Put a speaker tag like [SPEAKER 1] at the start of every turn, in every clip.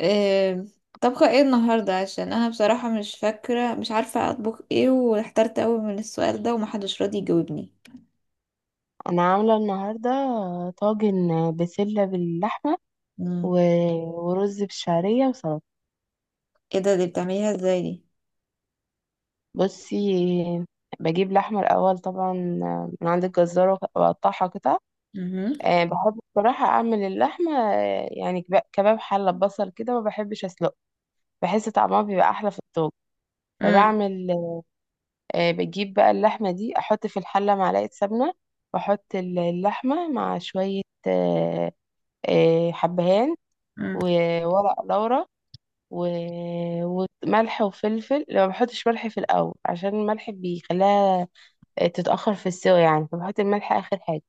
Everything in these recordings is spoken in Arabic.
[SPEAKER 1] آم، طبخة ايه النهاردة؟ عشان انا بصراحة مش فاكرة، مش عارفة اطبخ ايه، واحترت قوي من السؤال ده ومحدش راضي يجاوبني.
[SPEAKER 2] انا عامله النهارده طاجن بسله باللحمه
[SPEAKER 1] مم.
[SPEAKER 2] و- ورز بالشعريه وسلطه.
[SPEAKER 1] ايه ده؟ دي بتعمليها ازاي دي؟
[SPEAKER 2] بصي، بجيب لحمه الاول طبعا من عند الجزار واقطعها قطع.
[SPEAKER 1] مهم.
[SPEAKER 2] بحب بصراحه اعمل اللحمه يعني كباب حله ببصل كده، ما بحبش اسلقه، بحس طعمها بيبقى احلى في الطاجن.
[SPEAKER 1] مم.
[SPEAKER 2] فبعمل بجيب بقى اللحمه دي، احط في الحله معلقه سمنه واحط اللحمه مع شويه أه آه، حبهان
[SPEAKER 1] مم.
[SPEAKER 2] وورق لورا و... وملح وفلفل. لو ما بحطش ملح في الاول عشان الملح بيخليها تتاخر في السوا، يعني فبحط الملح اخر حاجه.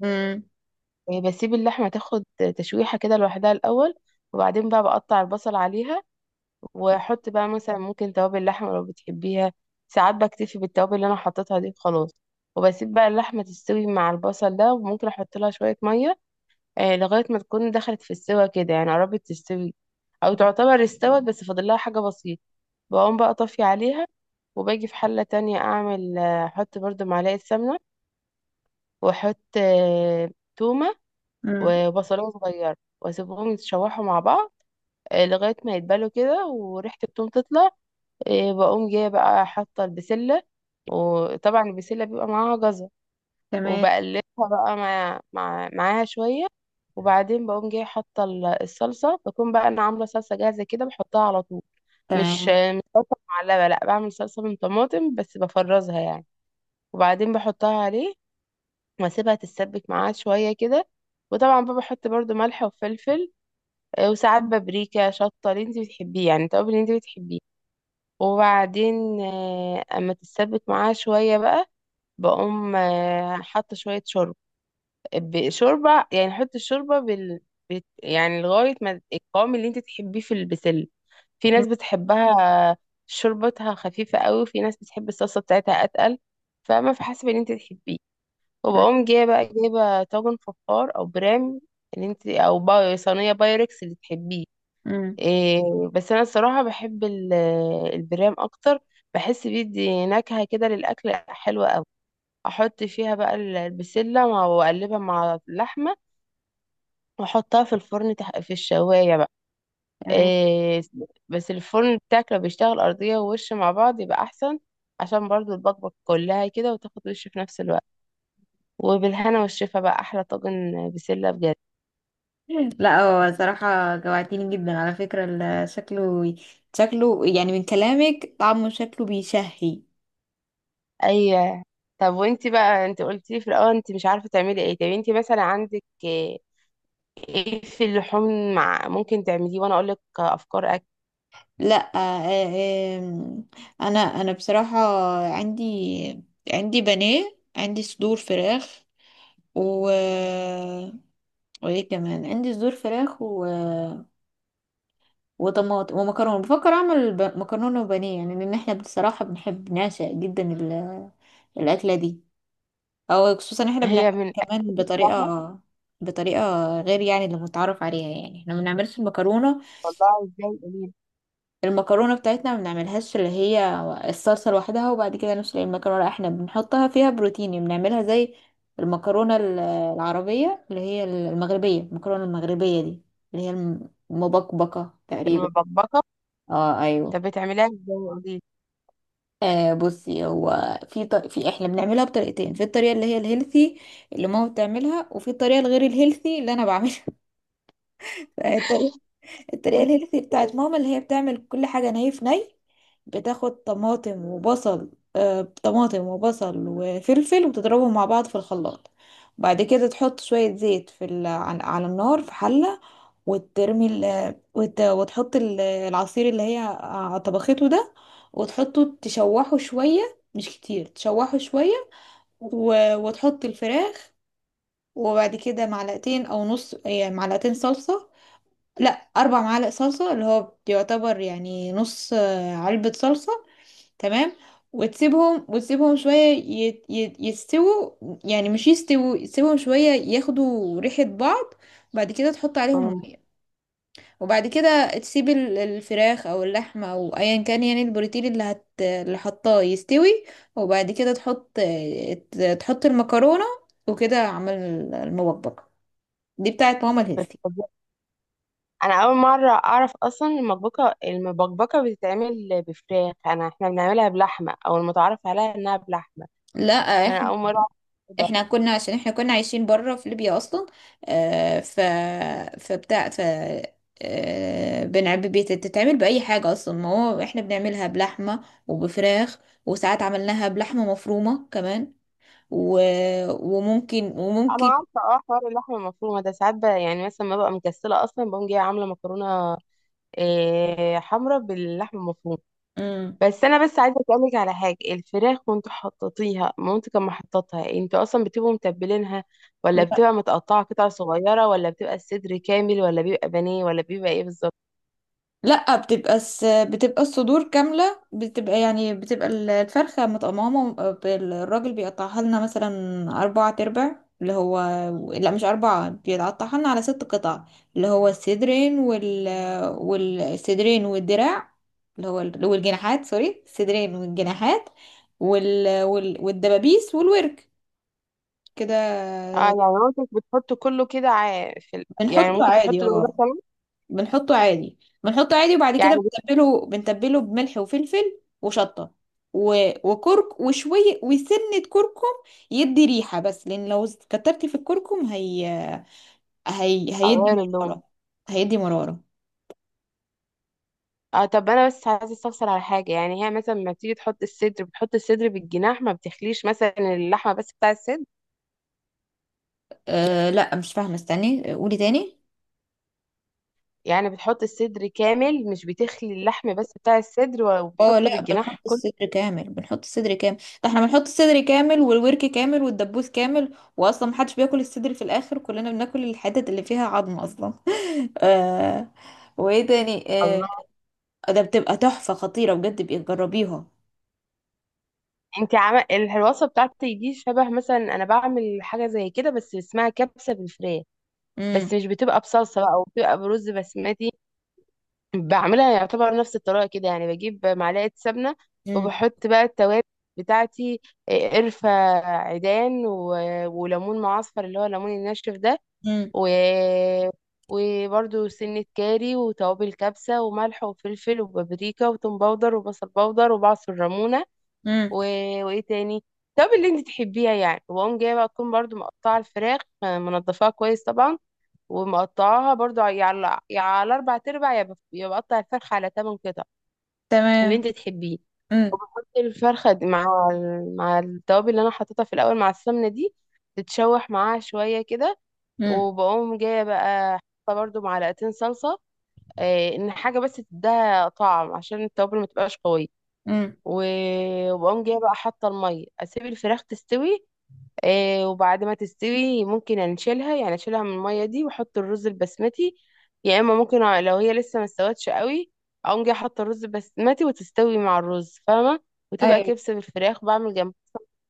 [SPEAKER 1] مم.
[SPEAKER 2] بسيب اللحمه تاخد تشويحه كده لوحدها الاول، وبعدين بقى بقطع البصل عليها واحط بقى مثلا ممكن توابل لحمه لو بتحبيها. ساعات بكتفي بالتوابل اللي انا حطيتها دي خلاص، وبسيب بقى اللحمه تستوي مع البصل ده، وممكن احط لها شويه ميه لغاية ما تكون دخلت في السوا كده، يعني قربت تستوي أو تعتبر استوت بس فاضل لها حاجة بسيطة. بقوم بقى طافية عليها، وباجي في حلة تانية أعمل أحط برضو معلقة سمنة وأحط تومة
[SPEAKER 1] مم.
[SPEAKER 2] وبصلة صغيرة وأسيبهم يتشوحوا مع بعض لغاية ما يتبلوا كده وريحة التوم تطلع. بقوم جاية بقى حاطة البسلة، وطبعا البسلة بيبقى معاها جزر،
[SPEAKER 1] تمام.
[SPEAKER 2] وبقلبها بقى مع معاها شوية. وبعدين بقوم جايه حاطة الصلصة، بكون بقى أنا عاملة صلصة جاهزة كده بحطها على طول. مش
[SPEAKER 1] تمام.
[SPEAKER 2] مش صلصة معلبة، لأ، بعمل صلصة من طماطم بس بفرزها يعني، وبعدين بحطها عليه وأسيبها تتسبك معاه شوية كده. وطبعا بقى بحط برضو ملح وفلفل وساعات بابريكا، شطة، اللي انت بتحبيه يعني، التوابل اللي انت بتحبيه. وبعدين أما تتسبك معاه شوية بقى بقوم حاطة شوية شوربة، بشوربة يعني حط الشوربة يعني لغاية ما القوام اللي انت تحبيه في البسلة. في
[SPEAKER 1] مم.
[SPEAKER 2] ناس بتحبها شوربتها خفيفة قوي، وفي ناس بتحب الصلصة بتاعتها أتقل، فما في حسب اللي انت تحبيه.
[SPEAKER 1] تمام.
[SPEAKER 2] وبقوم جاية بقى جايبة طاجن فخار أو برام اللي انت أو صينية بايركس اللي تحبيه.
[SPEAKER 1] مم.
[SPEAKER 2] إيه، بس أنا الصراحة بحب البرام أكتر، بحس بيدي نكهة كده للأكل حلوة أوي. أحط فيها بقى البسلة وأقلبها مع اللحمة واحطها في الفرن في الشواية بقى.
[SPEAKER 1] تمام.
[SPEAKER 2] إيه... بس الفرن بتاعك لو بيشتغل أرضية ووش مع بعض يبقى أحسن، عشان برضو البكبك كلها كده وتاخد وش في نفس الوقت. وبالهنا والشفا بقى، أحلى طاجن بسلة بجد.
[SPEAKER 1] لا، هو صراحة جوعتيني جدا على فكرة شكله يعني، من كلامك طعمه شكله بيشهي.
[SPEAKER 2] أي، طب وانتي بقى انت قلتي في الأول انت مش عارفة تعملي ايه؟ طب انتي مثلا عندك ايه؟ إيه في اللحوم مع ممكن تعمليه وأنا أقولك أفكار أكل.
[SPEAKER 1] لا. آه، آه، آم، انا بصراحة عندي عندي بانيه، عندي صدور فراخ و وايه كمان، عندي صدور فراخ وطماطم ومكرونه. بفكر اعمل مكرونه وبانيه، يعني لان احنا بصراحه بنحب نعشق جدا الاكله دي. او خصوصا احنا بنعملها
[SPEAKER 2] هي من
[SPEAKER 1] كمان
[SPEAKER 2] أكل سهلة.
[SPEAKER 1] بطريقه غير يعني اللي متعارف عليها. يعني احنا ما بنعملش المكرونه،
[SPEAKER 2] والله ازاي؟ قوليلي.
[SPEAKER 1] المكرونة بتاعتنا ما بنعملهاش اللي هي الصلصة لوحدها وبعد كده نسلق المكرونة، لا، احنا بنحطها فيها بروتين يعني، بنعملها زي المكرونة العربية، اللي هي المغربية، المكرونة المغربية دي اللي هي المبكبكة تقريبا.
[SPEAKER 2] المبكبكة؟
[SPEAKER 1] اه، ايوه.
[SPEAKER 2] طب بتعمليها ازاي؟
[SPEAKER 1] بصي، هو في ط... في احنا بنعملها بطريقتين، في الطريقة اللي هي الهيلثي اللي ماما بتعملها، وفي الطريقة الغير الهيلثي اللي انا بعملها. الطريقة الهيلثي بتاعت ماما اللي هي بتعمل كل حاجة ني في ني. بتاخد طماطم وبصل، طماطم وبصل وفلفل وتضربهم مع بعض في الخلاط. وبعد كده تحط شوية زيت على النار في حلة، وترمي وتحط العصير اللي هي طبخته ده، وتحطه تشوحه شوية، مش كتير تشوحه شوية، وتحط الفراخ. وبعد كده معلقتين او نص، يعني معلقتين صلصة، لا، اربع معالق صلصة، اللي هو يعتبر يعني نص علبة صلصة. تمام. وتسيبهم شوية يستووا، يعني مش يستووا، تسيبهم شوية ياخدوا ريحة بعض. بعد كده تحط عليهم مية، وبعد كده تسيب الفراخ او اللحمة او ايا كان، يعني البروتين اللي حطاه يستوي. وبعد كده تحط، تحط المكرونة، وكده عمل المبكبكة دي بتاعت ماما الهيلثي.
[SPEAKER 2] قوليلي، انا اول مره اعرف اصلا المبكبكه، بتتعمل بفراخ؟ انا احنا بنعملها بلحمه، او المتعارف عليها انها بلحمه،
[SPEAKER 1] لا،
[SPEAKER 2] فانا
[SPEAKER 1] احنا
[SPEAKER 2] اول مره اعرف كده.
[SPEAKER 1] احنا كنا، عشان احنا كنا عايشين بره في ليبيا اصلا. آه ف فبتاع ف آه بنعب بتتعمل باي حاجه اصلا، ما هو احنا بنعملها بلحمه وبفراخ، وساعات عملناها بلحمه مفرومه كمان، و... وممكن
[SPEAKER 2] انا
[SPEAKER 1] وممكن
[SPEAKER 2] عارفه اه حوار اللحمه المفرومه ده ساعات يعني مثلا ما ببقى مكسله اصلا بقوم جايه عامله مكرونه إيه، حمراء باللحمه المفرومه.
[SPEAKER 1] مم.
[SPEAKER 2] بس انا بس عايزه اسالك على حاجه، الفراخ وانتوا حطيتيها مامتك كان محططها، انتوا اصلا بتبقوا متبلينها ولا بتبقى متقطعه قطع صغيره، ولا بتبقى الصدر كامل، ولا بيبقى بانيه، ولا بيبقى ايه بالظبط؟
[SPEAKER 1] لا، بتبقى الصدور كاملة، بتبقى يعني بتبقى الفرخة متقممة. الراجل بيقطعها لنا مثلا أربعة تربع، اللي هو، لا مش أربعة، بيقطعها لنا على ست قطع، اللي هو الصدرين والصدرين والدراع، اللي هو والجناحات، سوري، الصدرين والجناحات والدبابيس والورك، كده.
[SPEAKER 2] اه، يعني مامتك بتحط كله كده في يعني
[SPEAKER 1] بنحطه
[SPEAKER 2] ممكن
[SPEAKER 1] عادي،
[SPEAKER 2] تحط له ده
[SPEAKER 1] اه.
[SPEAKER 2] كمان؟
[SPEAKER 1] بنحطه عادي بنحطه عادي، وبعد كده
[SPEAKER 2] يعني
[SPEAKER 1] بنتبله بملح وفلفل وشطة، و... وكرك وشوية وسنة كركم، يدي ريحة بس، لأن لو كترتي في الكركم هيدي
[SPEAKER 2] بتغير اللون.
[SPEAKER 1] مرارة، هيدي مرارة.
[SPEAKER 2] اه، طب انا بس عايزه استفسر على حاجه، يعني هي مثلا لما تيجي تحط الصدر بتحط الصدر بالجناح، ما بتخليش مثلا اللحمه بس بتاع الصدر؟
[SPEAKER 1] لا، مش فاهمة، استني قولي تاني.
[SPEAKER 2] يعني بتحط الصدر كامل، مش بتخلي اللحم بس بتاع الصدر
[SPEAKER 1] اه،
[SPEAKER 2] وبتحطه
[SPEAKER 1] لا، بنحط
[SPEAKER 2] بالجناح كله؟
[SPEAKER 1] الصدر كامل بنحط الصدر كامل ده احنا بنحط الصدر كامل والورك كامل والدبوس كامل، واصلا محدش بياكل الصدر في الاخر، كلنا بناكل الحتت اللي فيها عظم اصلا. آه. وايه تاني؟
[SPEAKER 2] الله،
[SPEAKER 1] ده بتبقى تحفة خطيرة بجد، بيبقى جربيها.
[SPEAKER 2] انت عمل الوصفه بتاعتي دي شبه، مثلا انا بعمل حاجه زي كده بس اسمها كبسه بالفراخ، بس
[SPEAKER 1] امم.
[SPEAKER 2] مش بتبقى بصلصه بقى وبتبقى برز بسمتي. بعملها يعتبر نفس الطريقة كده، يعني بجيب معلقة سمنة
[SPEAKER 1] امم.
[SPEAKER 2] وبحط بقى التوابل بتاعتي، قرفة عيدان وليمون معصفر، اللي هو الليمون الناشف ده،
[SPEAKER 1] امم.
[SPEAKER 2] و... وبرده سنة كاري وتوابل كبسة وملح وفلفل وبابريكا وتوم باودر وبصل باودر وبعصر ليمونة،
[SPEAKER 1] امم.
[SPEAKER 2] و... وإيه تاني، التوابل اللي انت تحبيها يعني. وأقوم جاية بقى تكون برضو مقطعة الفراخ منضفاها كويس طبعا، ومقطعاها برضو يا على، يا على اربع تربع، يا يا بقطع الفرخه على تمن قطع، اللي
[SPEAKER 1] تمام.
[SPEAKER 2] انت تحبيه.
[SPEAKER 1] امم.
[SPEAKER 2] وبحط الفرخه دي مع مع التوابل اللي انا حطيتها في الاول مع السمنه دي، تتشوح معاها شويه كده.
[SPEAKER 1] امم.
[SPEAKER 2] وبقوم جايه بقى حاطه برضو معلقتين صلصه ان حاجه بس تديها طعم عشان التوابل ما تبقاش قويه.
[SPEAKER 1] امم.
[SPEAKER 2] وبقوم جايه بقى حاطه الميه، اسيب الفراخ تستوي. آه، وبعد ما تستوي ممكن انشلها، يعني اشيلها من المية دي واحط الرز البسمتي، يا اما ممكن لو هي لسه ما استوتش قوي، اقوم جايه احط الرز البسمتي وتستوي مع الرز، فاهمة؟ وتبقى
[SPEAKER 1] ايوه.
[SPEAKER 2] كبسة بالفراخ. بعمل جنب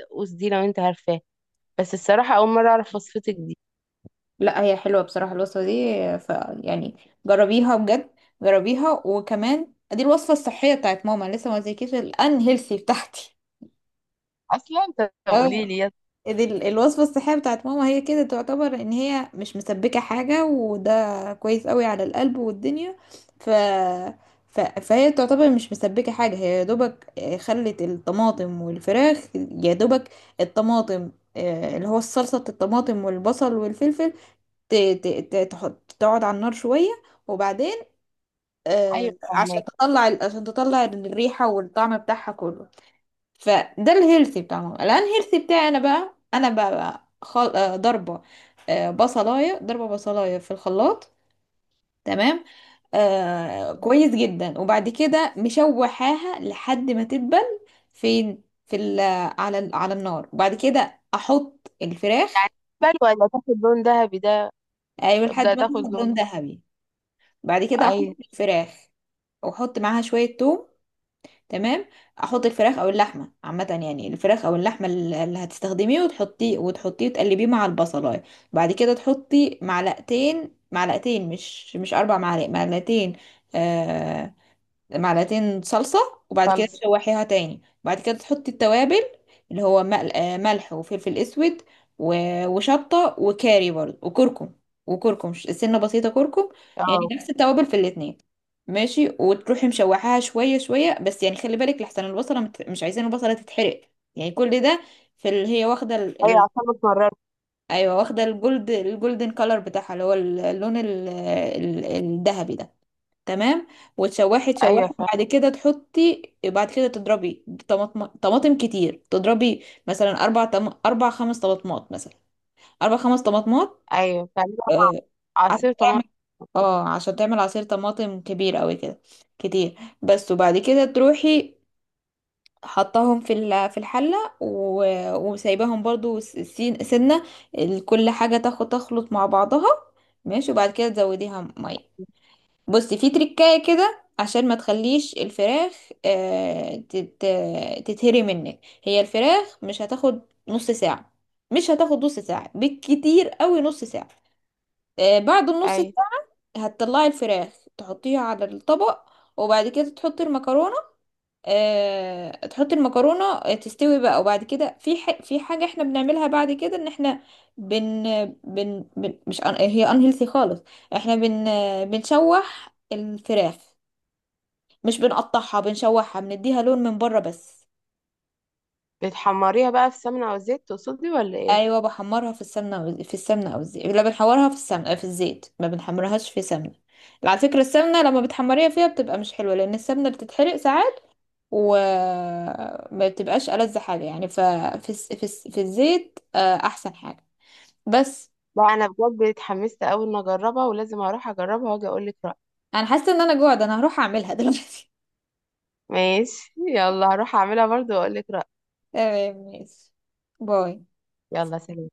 [SPEAKER 2] الدقوس دي، لو انت عارفاه. بس الصراحة اول مرة اعرف وصفتك دي.
[SPEAKER 1] لا هي حلوة بصراحة الوصفة دي. ف يعني جربيها بجد، جربيها. وكمان دي الوصفة الصحية بتاعت ماما، لسه ما قلتلكيش الان هيلثي بتاعتي.
[SPEAKER 2] اصلا انت
[SPEAKER 1] اه.
[SPEAKER 2] قولي لي، يلا.
[SPEAKER 1] دي الوصفة الصحية بتاعت ماما، هي كده تعتبر ان هي مش مسبكة حاجة، وده كويس قوي على القلب والدنيا. ف... فهي تعتبر مش مسبكة حاجة، هي يا دوبك خلت الطماطم والفراخ يا دوبك الطماطم، اللي هو الصلصة، الطماطم والبصل والفلفل، تحط تقعد على النار شوية، وبعدين
[SPEAKER 2] ايوه،
[SPEAKER 1] عشان
[SPEAKER 2] فهماك.
[SPEAKER 1] تطلع، عشان تطلع الريحة والطعم بتاعها كله. فده الهيلثي بتاعهم. الانهيلثي بتاعي انا بقى انا بقى, بقى خل... آه، ضربه، بصلايه، ضربه بصلايه في الخلاط. تمام. كويس جدا. وبعد كده مشوحاها لحد ما تدبل، فين في على النار، وبعد كده احط
[SPEAKER 2] يعني
[SPEAKER 1] الفراخ.
[SPEAKER 2] ولا تاخد لون ذهبي ده
[SPEAKER 1] ايوه، لحد
[SPEAKER 2] تبدأ
[SPEAKER 1] ما
[SPEAKER 2] تاخد
[SPEAKER 1] تاخد
[SPEAKER 2] لون؟
[SPEAKER 1] لون ذهبي. بعد كده
[SPEAKER 2] اي.
[SPEAKER 1] احط الفراخ، واحط معاها شويه توم. تمام. احط الفراخ او اللحمه عامه، يعني الفراخ او اللحمه اللي هتستخدميه، وتحطيه وتقلبيه مع البصلايه. بعد كده تحطي معلقتين، مش اربع معالق، معلقتين، آه معلقتين صلصة. وبعد كده
[SPEAKER 2] صلصة.
[SPEAKER 1] تشوحيها تاني، وبعد كده تحطي التوابل، اللي هو ملح وفلفل اسود، وشطة وكاري برضه وكركم، وكركم سنة بسيطة كركم، يعني
[SPEAKER 2] اه،
[SPEAKER 1] نفس التوابل في الاتنين. ماشي. وتروحي مشوحاها شوية شوية، بس يعني خلي بالك لحسن البصلة، مش عايزين البصلة تتحرق، يعني كل ده في، اللي هي واخدة
[SPEAKER 2] ايوه، عشان ما اتمررت.
[SPEAKER 1] ايوه، واخدة الجولدن كولر بتاعها، اللي هو اللون الذهبي ده. تمام. وتشوحي
[SPEAKER 2] ايوه
[SPEAKER 1] تشوحي
[SPEAKER 2] فا
[SPEAKER 1] وبعد كده تحطي، بعد كده تضربي طماطم كتير، تضربي مثلا اربع خمس طماطمات، مثلا اربع خمس طماطمات،
[SPEAKER 2] ايوه، بتعملها
[SPEAKER 1] آه، عشان
[SPEAKER 2] عصير
[SPEAKER 1] تعمل
[SPEAKER 2] طماطم.
[SPEAKER 1] اه عشان تعمل عصير طماطم كبير قوي كده، كتير بس. وبعد كده تروحي حطاهم في الحله وسايباهم برضو سنه، كل حاجه تاخد تخلط مع بعضها. ماشي. وبعد كده تزوديها ميه. بصي في تريكاية كده، عشان ما تخليش الفراخ تتهري منك. هي الفراخ مش هتاخد نص ساعة، مش هتاخد نص ساعة، بالكتير قوي نص ساعة. بعد النص
[SPEAKER 2] ايوه،
[SPEAKER 1] ساعة هتطلعي الفراخ، تحطيها على الطبق، وبعد كده تحطي المكرونة، تحطي المكرونة، تستوي بقى. وبعد كده في حاجة احنا بنعملها بعد كده، ان احنا بن بن, بن... مش أن... هي unhealthy خالص. احنا بنشوح الفراخ، مش بنقطعها، بنشوحها بنديها لون من بره بس.
[SPEAKER 2] بتحمريها بقى في سمنة او زيت تقصدي، ولا ايه؟
[SPEAKER 1] ايوه، بحمرها في السمنه، أو في السمنه او الزيت، لا بنحورها في السمنه، في الزيت، ما بنحمرهاش في سمنه. على فكره السمنه لما بتحمريها فيها بتبقى مش حلوه، لان السمنه بتتحرق ساعات وما بتبقاش ألذ حاجه يعني، ففي الس- في الس- في الزيت احسن حاجه بس.
[SPEAKER 2] لا، انا بجد اتحمست اوي ان اجربها، ولازم اروح اجربها واجي اقول لك رأيي.
[SPEAKER 1] انا حاسه ان جوعت، انا هروح اعملها دلوقتي.
[SPEAKER 2] ماشي، يلا، هروح اعملها برضو واقول لك رأيي.
[SPEAKER 1] تمام ماشي. باي.
[SPEAKER 2] يلا سلام.